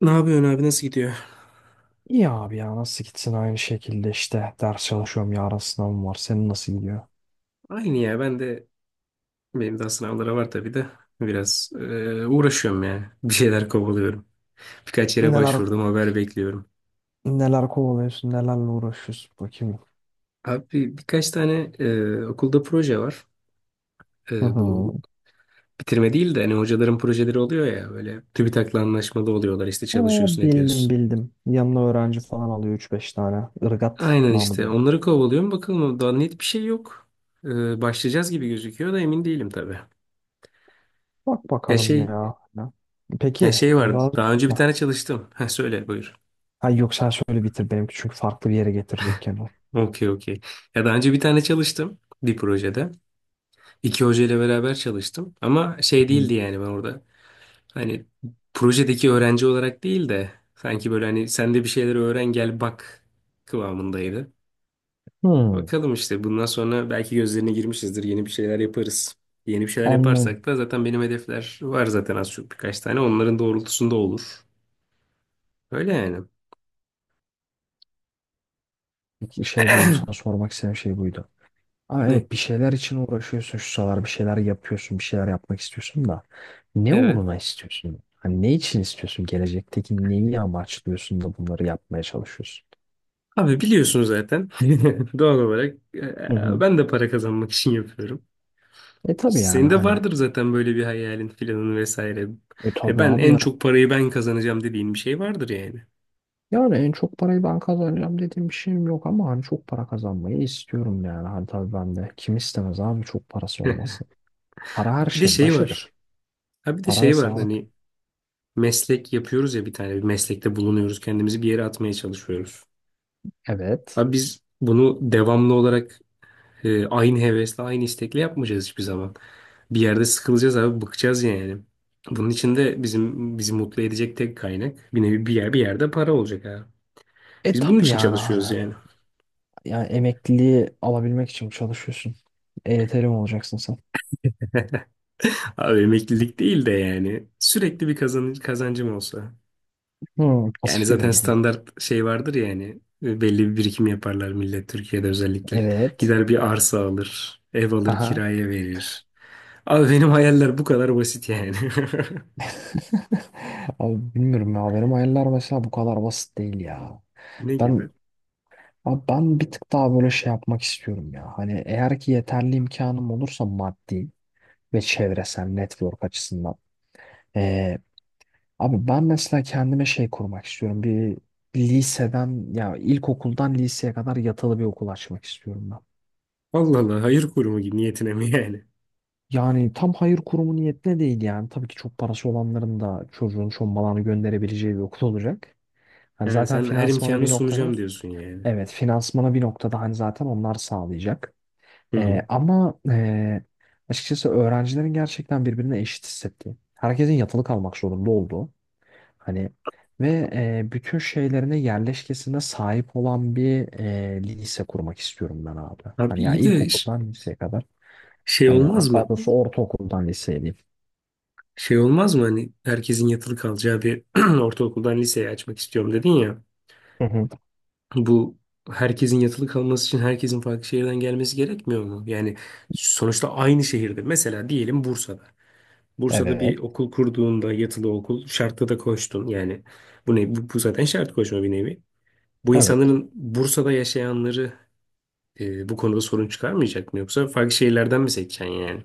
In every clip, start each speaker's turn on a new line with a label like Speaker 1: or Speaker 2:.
Speaker 1: Ne yapıyorsun abi, nasıl gidiyor?
Speaker 2: İyi abi ya, nasıl gitsin? Aynı şekilde işte, ders çalışıyorum, yarın sınavım var. Senin nasıl gidiyor?
Speaker 1: Aynı ya, ben de benim daha sınavlara var tabii de biraz uğraşıyorum ya. Bir şeyler kovalıyorum. Birkaç yere
Speaker 2: Neler
Speaker 1: başvurdum, haber bekliyorum.
Speaker 2: neler kovalıyorsun, nelerle uğraşıyorsun bakayım.
Speaker 1: Abi birkaç tane okulda proje var.
Speaker 2: Hı
Speaker 1: E,
Speaker 2: hı.
Speaker 1: bu bitirme değil de, hani hocaların projeleri oluyor ya, böyle TÜBİTAK'la anlaşmalı oluyorlar, işte
Speaker 2: Aa,
Speaker 1: çalışıyorsun
Speaker 2: bildim
Speaker 1: ediyorsun.
Speaker 2: bildim. Yanına öğrenci falan alıyor üç beş tane. Irgat
Speaker 1: Aynen,
Speaker 2: namı
Speaker 1: işte
Speaker 2: diyor.
Speaker 1: onları kovalıyorum, bakalım, daha net bir şey yok. Başlayacağız gibi gözüküyor da emin değilim tabii.
Speaker 2: Bak
Speaker 1: Ya
Speaker 2: bakalım
Speaker 1: şey
Speaker 2: ya.
Speaker 1: ya
Speaker 2: Peki.
Speaker 1: şey var, daha önce bir
Speaker 2: Bak.
Speaker 1: tane çalıştım. Ha, söyle buyur.
Speaker 2: Ha, yok, sen söyle bitir benimki, çünkü farklı bir yere getirecek kendini.
Speaker 1: Okey, okey. Ya, daha önce bir tane çalıştım bir projede. İki hocayla beraber çalıştım. Ama şey
Speaker 2: Hı.
Speaker 1: değildi yani ben orada. Hani projedeki öğrenci olarak değil de sanki böyle hani sen de bir şeyler öğren gel bak kıvamındaydı.
Speaker 2: Hı.
Speaker 1: Bakalım, işte bundan sonra belki gözlerine girmişizdir. Yeni bir şeyler yaparız. Yeni bir şeyler
Speaker 2: Anladım.
Speaker 1: yaparsak da zaten benim hedefler var zaten az çok birkaç tane. Onların doğrultusunda olur. Öyle yani.
Speaker 2: Şey buydu, sana sormak istediğim şey buydu. Ama
Speaker 1: Ne?
Speaker 2: evet, bir şeyler için uğraşıyorsun şu sıralar, bir şeyler yapıyorsun, bir şeyler yapmak istiyorsun da ne
Speaker 1: Evet.
Speaker 2: uğruna istiyorsun? Hani ne için istiyorsun? Gelecekteki neyi amaçlıyorsun da bunları yapmaya çalışıyorsun?
Speaker 1: Abi biliyorsun zaten. Doğal olarak
Speaker 2: Hı hı.
Speaker 1: ben de para kazanmak için yapıyorum.
Speaker 2: E tabii yani
Speaker 1: Senin de
Speaker 2: hani.
Speaker 1: vardır zaten böyle bir hayalin filanın vesaire.
Speaker 2: E
Speaker 1: Hani
Speaker 2: tabii
Speaker 1: ben
Speaker 2: abi
Speaker 1: en
Speaker 2: ya.
Speaker 1: çok parayı ben kazanacağım dediğin bir şey vardır yani.
Speaker 2: Yani en çok parayı ben kazanacağım dediğim bir şeyim yok ama hani çok para kazanmayı istiyorum yani. Hani tabii, ben de kim istemez abi çok parası olmasın? Para her
Speaker 1: Ha Bir de
Speaker 2: şeyin
Speaker 1: şey var.
Speaker 2: başıdır.
Speaker 1: Ha, bir de
Speaker 2: Para ve
Speaker 1: şey var
Speaker 2: sağlık.
Speaker 1: hani, meslek yapıyoruz ya, bir tane bir meslekte bulunuyoruz. Kendimizi bir yere atmaya çalışıyoruz.
Speaker 2: Evet.
Speaker 1: Ha, biz bunu devamlı olarak aynı hevesle aynı istekle yapmayacağız hiçbir zaman. Bir yerde sıkılacağız abi, bıkacağız yani. Bunun için de bizim bizi mutlu edecek tek kaynak, bir nevi bir yer, bir yerde para olacak abi.
Speaker 2: E
Speaker 1: Biz bunun
Speaker 2: tabii
Speaker 1: için
Speaker 2: yani
Speaker 1: çalışıyoruz
Speaker 2: hani.
Speaker 1: yani.
Speaker 2: Yani emekliliği alabilmek için çalışıyorsun. EYT'li mi olacaksın sen?
Speaker 1: Abi emeklilik değil de yani sürekli bir kazan, kazancım olsa.
Speaker 2: Hmm,
Speaker 1: Yani
Speaker 2: pasif gelir
Speaker 1: zaten
Speaker 2: gelme.
Speaker 1: standart şey vardır ya yani, belli bir birikim yaparlar millet, Türkiye'de özellikle.
Speaker 2: Evet.
Speaker 1: Gider bir arsa alır, ev alır,
Speaker 2: Aha.
Speaker 1: kiraya verir. Abi benim hayaller bu kadar basit yani.
Speaker 2: Abi bilmiyorum ya, benim hayaller mesela bu kadar basit değil ya.
Speaker 1: Ne
Speaker 2: Ben
Speaker 1: gibi?
Speaker 2: abi ben bir tık daha böyle şey yapmak istiyorum ya. Hani eğer ki yeterli imkanım olursa, maddi ve çevresel network açısından. Ee, abi ben mesela kendime şey kurmak istiyorum. Bir liseden ya ilkokuldan liseye kadar yatılı bir okul açmak istiyorum.
Speaker 1: Allah Allah, hayır kurumu gibi niyetine mi yani?
Speaker 2: Yani tam hayır kurumu niyetine değil yani. Tabii ki çok parası olanların da çocuğun şombalağını gönderebileceği bir okul olacak. Hani
Speaker 1: Ha,
Speaker 2: zaten
Speaker 1: sen her
Speaker 2: finansmana
Speaker 1: imkanı
Speaker 2: bir noktada,
Speaker 1: sunacağım diyorsun yani.
Speaker 2: evet, finansmana bir noktada hani zaten onlar sağlayacak.
Speaker 1: Hı
Speaker 2: Ee,
Speaker 1: hı.
Speaker 2: ama ee, açıkçası öğrencilerin gerçekten birbirine eşit hissettiği, herkesin yatılı kalmak zorunda olduğu hani, ve bütün şeylerine, yerleşkesine sahip olan bir lise kurmak istiyorum ben abi.
Speaker 1: Abi
Speaker 2: Hani ya
Speaker 1: iyi de
Speaker 2: ilkokuldan liseye kadar,
Speaker 1: şey
Speaker 2: hani
Speaker 1: olmaz
Speaker 2: hatta
Speaker 1: mı?
Speaker 2: doğrusu ortaokuldan liseye diyeyim.
Speaker 1: Şey olmaz mı hani, herkesin yatılı kalacağı bir ortaokuldan liseyi açmak istiyorum dedin ya.
Speaker 2: Hı hı.
Speaker 1: Bu, herkesin yatılı kalması için herkesin farklı şehirden gelmesi gerekmiyor mu? Yani sonuçta aynı şehirde. Mesela diyelim Bursa'da. Bursa'da
Speaker 2: Evet.
Speaker 1: bir okul kurduğunda yatılı okul şartta da koştun. Yani bu ne? Bu zaten şart koşma bir nevi. Bu
Speaker 2: Evet.
Speaker 1: insanların, Bursa'da yaşayanları bu konuda sorun çıkarmayacak mı? Yoksa farklı şehirlerden mi seçeceksin yani?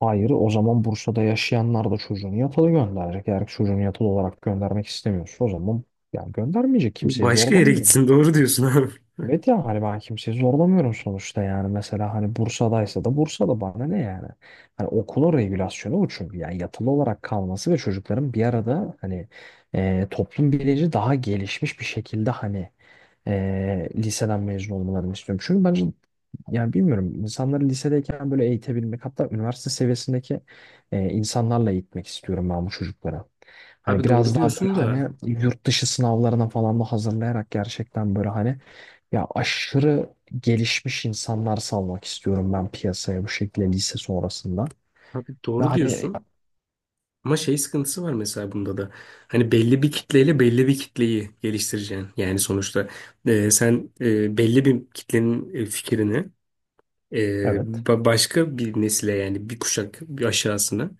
Speaker 2: Hayır, o zaman Bursa'da yaşayanlar da çocuğunu yatılı gönderecek. Eğer çocuğunu yatılı olarak göndermek istemiyorsa, o zaman yani göndermeyecek. Kimseyi
Speaker 1: Başka yere
Speaker 2: zorlamıyorum.
Speaker 1: gitsin. Doğru diyorsun abi.
Speaker 2: Evet ya, hani ben kimseyi zorlamıyorum sonuçta yani, mesela hani Bursa'daysa da Bursa'da bana ne yani. Hani okulun regülasyonu o, çünkü yani yatılı olarak kalması ve çocukların bir arada hani toplum bilinci daha gelişmiş bir şekilde, hani liseden mezun olmalarını istiyorum. Çünkü bence yani bilmiyorum, insanları lisedeyken böyle eğitebilmek, hatta üniversite seviyesindeki insanlarla eğitmek istiyorum ben bu çocuklara. Hani
Speaker 1: Abi doğru
Speaker 2: biraz daha böyle
Speaker 1: diyorsun da.
Speaker 2: hani yurt dışı sınavlarına falan da hazırlayarak, gerçekten böyle hani ya aşırı gelişmiş insanlar salmak istiyorum ben piyasaya, bu şekilde lise sonrasında.
Speaker 1: Abi
Speaker 2: Ve
Speaker 1: doğru
Speaker 2: hani,
Speaker 1: diyorsun. Ama şey sıkıntısı var mesela bunda da. Hani belli bir kitleyle belli bir kitleyi geliştireceksin. Yani sonuçta belli bir kitlenin fikrini e,
Speaker 2: evet.
Speaker 1: başka bir nesile, yani bir kuşak bir aşağısına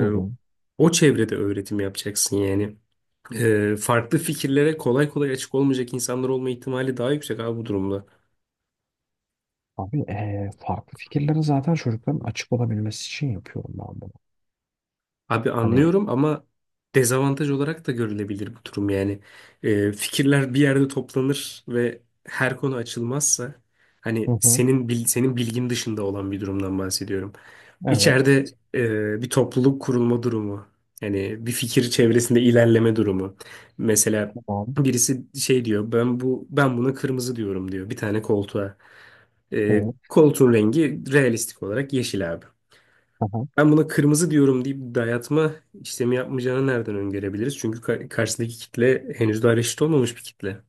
Speaker 2: Hı hı.
Speaker 1: o çevrede öğretim yapacaksın yani. Farklı fikirlere kolay kolay açık olmayacak insanlar olma ihtimali daha yüksek abi bu durumda.
Speaker 2: Abi farklı fikirlere zaten çocukların açık olabilmesi için yapıyorum ben bunu.
Speaker 1: Abi
Speaker 2: Hani.
Speaker 1: anlıyorum ama dezavantaj olarak da görülebilir bu durum yani. Fikirler bir yerde toplanır ve her konu açılmazsa,
Speaker 2: Hı
Speaker 1: hani
Speaker 2: hı.
Speaker 1: senin senin bilgin dışında olan bir durumdan bahsediyorum.
Speaker 2: Evet.
Speaker 1: İçeride bir topluluk kurulma durumu, yani bir fikir çevresinde ilerleme durumu. Mesela
Speaker 2: Tamam.
Speaker 1: birisi şey diyor, ben buna kırmızı diyorum diyor bir tane koltuğa. Ee,
Speaker 2: Evet.
Speaker 1: koltuğun rengi realistik olarak yeşil abi.
Speaker 2: Aha.
Speaker 1: Ben buna kırmızı diyorum deyip dayatma işlemi yapmayacağını nereden öngörebiliriz? Çünkü karşısındaki kitle henüz daha reşit olmamış bir kitle.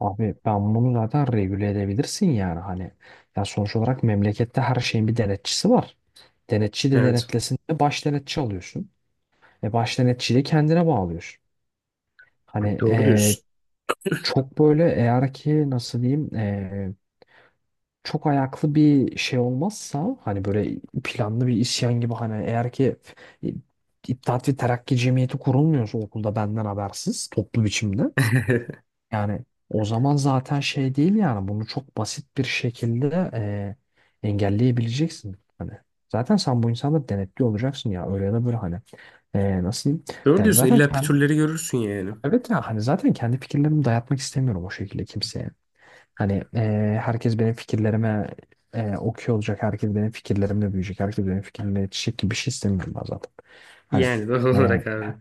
Speaker 2: Abi ben bunu zaten regüle edebilirsin yani, hani ya sonuç olarak memlekette her şeyin bir denetçisi var. Denetçi de
Speaker 1: Evet.
Speaker 2: denetlesin de baş denetçi alıyorsun. E baş denetçiyi de kendine bağlıyorsun. Hani
Speaker 1: Doğru diyorsun.
Speaker 2: çok böyle eğer ki nasıl diyeyim çok ayaklı bir şey olmazsa, hani böyle planlı bir isyan gibi, hani eğer ki İttihat ve Terakki Cemiyeti kurulmuyorsa okulda benden habersiz toplu biçimde. Yani o zaman zaten şey değil yani, bunu çok basit bir şekilde engelleyebileceksin. Hani zaten sen bu insanı denetli olacaksın ya, öyle ya da böyle hani. E, nasıl diyeyim?
Speaker 1: Doğru
Speaker 2: Yani
Speaker 1: diyorsun.
Speaker 2: zaten
Speaker 1: İlla
Speaker 2: kendi,
Speaker 1: pütürleri görürsün yani.
Speaker 2: evet ya, hani zaten kendi fikirlerimi dayatmak istemiyorum o şekilde kimseye. Hani herkes benim fikirlerime okuyor olacak, herkes benim fikirlerimle büyüyecek, herkes benim fikirlerimle yetişecek gibi bir şey istemiyorum ben zaten. Hani
Speaker 1: Yani doğal
Speaker 2: e,
Speaker 1: olarak abi.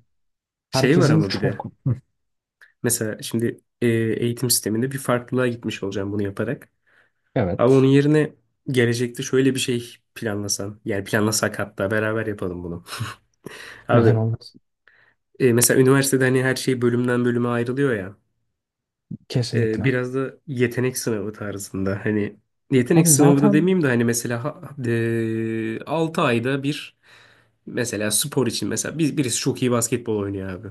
Speaker 1: Şey var
Speaker 2: herkesin
Speaker 1: ama bir de.
Speaker 2: çok,
Speaker 1: Mesela şimdi eğitim sisteminde bir farklılığa gitmiş olacağım bunu yaparak. Ama onun
Speaker 2: evet,
Speaker 1: yerine gelecekte şöyle bir şey planlasan. Yani planlasak, hatta beraber yapalım bunu. Abi
Speaker 2: neden olmasın,
Speaker 1: mesela üniversitede hani her şey bölümden bölüme ayrılıyor ya. Ee,
Speaker 2: kesinlikle.
Speaker 1: biraz da yetenek sınavı tarzında. Hani yetenek
Speaker 2: Abi
Speaker 1: sınavı da
Speaker 2: zaten.
Speaker 1: demeyeyim de hani mesela 6 ayda bir, mesela spor için, mesela biz birisi çok iyi basketbol oynuyor abi.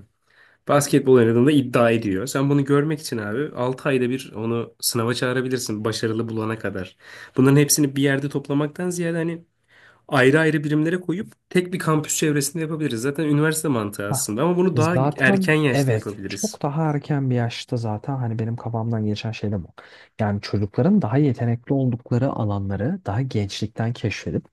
Speaker 1: Basketbol oynadığında iddia ediyor. Sen bunu görmek için abi 6 ayda bir onu sınava çağırabilirsin, başarılı bulana kadar. Bunların hepsini bir yerde toplamaktan ziyade, hani ayrı ayrı birimlere koyup tek bir kampüs çevresinde yapabiliriz. Zaten üniversite mantığı
Speaker 2: Hah.
Speaker 1: aslında, ama bunu daha erken
Speaker 2: Zaten,
Speaker 1: yaşta
Speaker 2: evet,
Speaker 1: yapabiliriz.
Speaker 2: çok daha erken bir yaşta zaten hani benim kafamdan geçen şey de bu. Yani çocukların daha yetenekli oldukları alanları daha gençlikten keşfedip,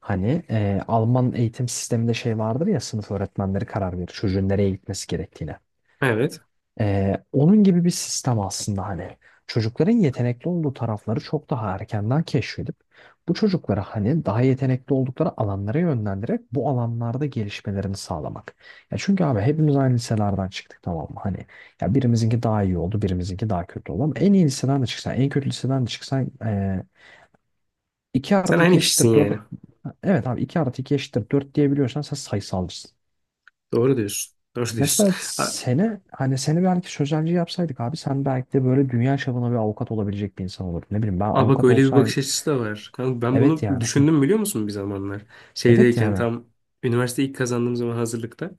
Speaker 2: hani Alman eğitim sisteminde şey vardır ya, sınıf öğretmenleri karar verir çocuğun nereye gitmesi gerektiğine.
Speaker 1: Evet.
Speaker 2: Onun gibi bir sistem aslında, hani çocukların yetenekli olduğu tarafları çok daha erkenden keşfedip, bu çocuklara hani daha yetenekli oldukları alanlara yönlendirerek bu alanlarda gelişmelerini sağlamak. Ya çünkü abi, hepimiz aynı liselerden çıktık, tamam mı? Hani ya birimizinki daha iyi oldu, birimizinki daha kötü oldu ama en iyi liseden de çıksan, en kötü liseden de çıksan 2
Speaker 1: Sen
Speaker 2: artı 2
Speaker 1: aynı kişisin
Speaker 2: eşittir
Speaker 1: yani.
Speaker 2: dört. Evet abi, 2 artı 2 eşittir 4 diyebiliyorsan sen sayısalcısın.
Speaker 1: Doğru diyorsun. Doğru diyorsun.
Speaker 2: Mesela seni, hani seni belki sözelci yapsaydık abi, sen belki de böyle dünya çapında bir avukat olabilecek bir insan olurdun. Ne bileyim, ben
Speaker 1: Aa, bak,
Speaker 2: avukat
Speaker 1: öyle bir bakış
Speaker 2: olsaydım.
Speaker 1: açısı da var. Kanka, ben
Speaker 2: Evet
Speaker 1: bunu
Speaker 2: yani. Hı.
Speaker 1: düşündüm biliyor musun bir zamanlar?
Speaker 2: Evet
Speaker 1: Şeydeyken,
Speaker 2: yani.
Speaker 1: tam üniversite ilk kazandığım zaman, hazırlıkta.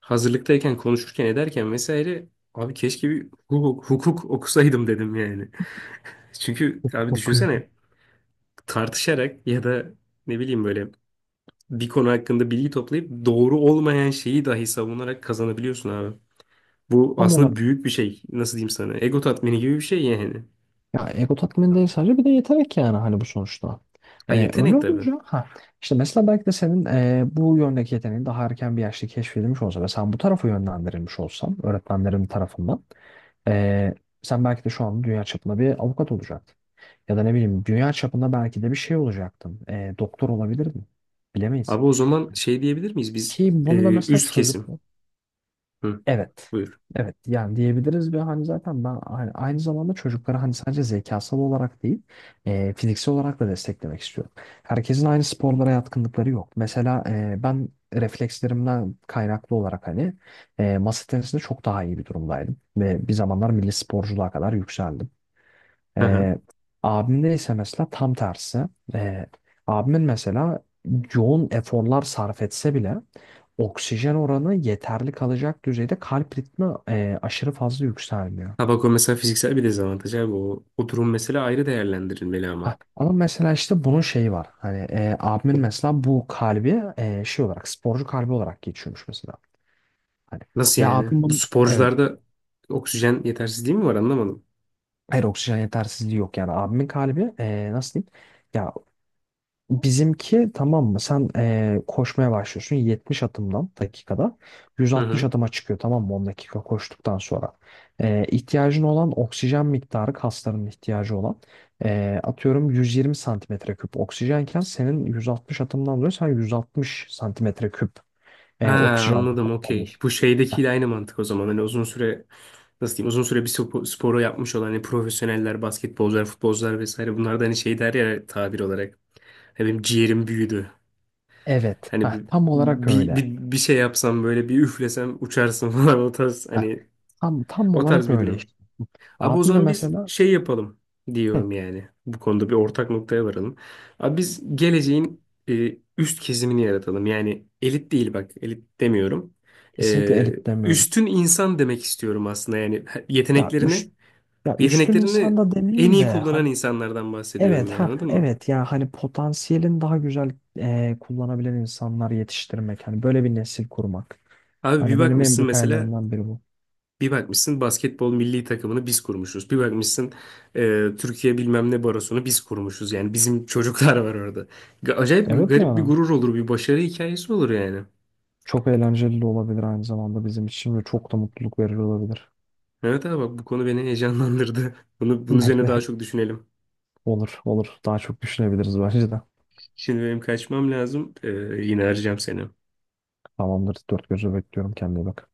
Speaker 1: Hazırlıktayken konuşurken ederken vesaire abi, keşke bir hukuk, hukuk okusaydım dedim yani. Çünkü abi
Speaker 2: Okuyorum.
Speaker 1: düşünsene, tartışarak ya da ne bileyim böyle bir konu hakkında bilgi toplayıp doğru olmayan şeyi dahi savunarak kazanabiliyorsun abi. Bu
Speaker 2: Tam
Speaker 1: aslında
Speaker 2: olarak.
Speaker 1: büyük bir şey. Nasıl diyeyim sana? Ego tatmini gibi bir şey yani.
Speaker 2: Ya ego tatmini değil sadece, bir de yetenek yani, hani bu sonuçta.
Speaker 1: Ha,
Speaker 2: Öyle
Speaker 1: yetenek tabii.
Speaker 2: olunca ha işte, mesela belki de senin bu yöndeki yeteneğin daha erken bir yaşta keşfedilmiş olsa ve sen bu tarafa yönlendirilmiş olsan öğretmenlerin tarafından, ee, sen belki de şu an dünya çapında bir avukat olacaktın. Ya da ne bileyim, dünya çapında belki de bir şey olacaktım. E, doktor olabilirdim. Bilemeyiz.
Speaker 1: Abi o zaman şey diyebilir miyiz biz,
Speaker 2: Ki bunu da mesela
Speaker 1: üst kesim.
Speaker 2: çocuklu.
Speaker 1: Hı,
Speaker 2: Evet.
Speaker 1: buyur.
Speaker 2: Evet yani diyebiliriz, ve hani zaten ben hani aynı zamanda çocukları hani sadece zekasal olarak değil fiziksel olarak da desteklemek istiyorum. Herkesin aynı sporlara yatkınlıkları yok. Mesela ben reflekslerimden kaynaklı olarak, hani masa tenisinde çok daha iyi bir durumdaydım. Ve bir zamanlar milli sporculuğa kadar yükseldim.
Speaker 1: Hı hı.
Speaker 2: Ee, abimde ise mesela tam tersi. Ee, abimin mesela yoğun eforlar sarf etse bile oksijen oranı yeterli kalacak düzeyde, kalp ritmi aşırı fazla yükselmiyor.
Speaker 1: Ha bak, o mesela fiziksel bir dezavantaj abi, o, o durum mesela ayrı değerlendirilmeli
Speaker 2: Ha,
Speaker 1: ama.
Speaker 2: ama mesela işte bunun şeyi var. Hani abimin mesela bu kalbi şey olarak, sporcu kalbi olarak geçiyormuş mesela. Hani
Speaker 1: Nasıl
Speaker 2: ve
Speaker 1: yani? Bu
Speaker 2: evet,
Speaker 1: sporcularda oksijen yetersizliği mi var, anlamadım.
Speaker 2: hayır, oksijen yetersizliği yok yani, abimin kalbi nasıl diyeyim? Ya, bizimki tamam mı? Sen koşmaya başlıyorsun, 70 adımdan dakikada.
Speaker 1: Hı
Speaker 2: 160
Speaker 1: hı.
Speaker 2: adıma çıkıyor tamam mı, 10 dakika koştuktan sonra. İhtiyacın olan oksijen miktarı, kasların ihtiyacı olan atıyorum 120 santimetre küp oksijenken, senin 160 adımdan dolayı sen 160 santimetre küp
Speaker 1: Ha,
Speaker 2: oksijen
Speaker 1: anladım, okey.
Speaker 2: pompalıyorsun.
Speaker 1: Bu
Speaker 2: Heh.
Speaker 1: şeydekiyle aynı mantık o zaman. Hani uzun süre, nasıl diyeyim, uzun süre bir sporu yapmış olan hani profesyoneller, basketbolcular, futbolcular vesaire, bunlar da hani şey der ya tabir olarak. Ya, benim ciğerim büyüdü.
Speaker 2: Evet.
Speaker 1: Hani
Speaker 2: Heh,
Speaker 1: bir,
Speaker 2: tam olarak
Speaker 1: bir,
Speaker 2: öyle.
Speaker 1: bir, bir şey yapsam, böyle bir üflesem uçarsın falan, o tarz
Speaker 2: Heh.
Speaker 1: hani,
Speaker 2: Tam
Speaker 1: o tarz
Speaker 2: olarak
Speaker 1: bir
Speaker 2: öyle
Speaker 1: durum.
Speaker 2: işte.
Speaker 1: Abi o
Speaker 2: Abim de
Speaker 1: zaman biz
Speaker 2: mesela,
Speaker 1: şey yapalım
Speaker 2: hı,
Speaker 1: diyorum yani. Bu konuda bir ortak noktaya varalım. Abi biz geleceğin üst kesimini yaratalım. Yani elit değil, bak elit demiyorum.
Speaker 2: kesinlikle
Speaker 1: E,
Speaker 2: elit demiyorum.
Speaker 1: üstün insan demek istiyorum aslında, yani
Speaker 2: Ya,
Speaker 1: yeteneklerini
Speaker 2: ya üstün insan
Speaker 1: yeteneklerini
Speaker 2: da
Speaker 1: en
Speaker 2: demeyeyim
Speaker 1: iyi
Speaker 2: de
Speaker 1: kullanan
Speaker 2: hani,
Speaker 1: insanlardan
Speaker 2: evet
Speaker 1: bahsediyorum yani,
Speaker 2: ha
Speaker 1: anladın mı?
Speaker 2: evet ya hani potansiyelin daha güzel kullanabilen insanlar yetiştirmek. Hani böyle bir nesil kurmak.
Speaker 1: Abi bir
Speaker 2: Hani benim en
Speaker 1: bakmışsın
Speaker 2: büyük
Speaker 1: mesela,
Speaker 2: hayallerimden biri bu.
Speaker 1: bir bakmışsın basketbol milli takımını biz kurmuşuz. Bir bakmışsın Türkiye bilmem ne barosunu biz kurmuşuz. Yani bizim çocuklar var orada. Acayip
Speaker 2: Evet
Speaker 1: garip bir
Speaker 2: ya,
Speaker 1: gurur olur, bir başarı hikayesi olur yani.
Speaker 2: çok eğlenceli de olabilir aynı zamanda bizim için ve çok da mutluluk verici olabilir.
Speaker 1: Evet abi, bak bu konu beni heyecanlandırdı. Bunu, bunun
Speaker 2: Beni
Speaker 1: üzerine daha
Speaker 2: de,
Speaker 1: çok düşünelim.
Speaker 2: olur olur, daha çok düşünebiliriz bence de.
Speaker 1: Şimdi benim kaçmam lazım. Yine arayacağım seni.
Speaker 2: Tamamdır, dört gözle bekliyorum, kendine iyi bak.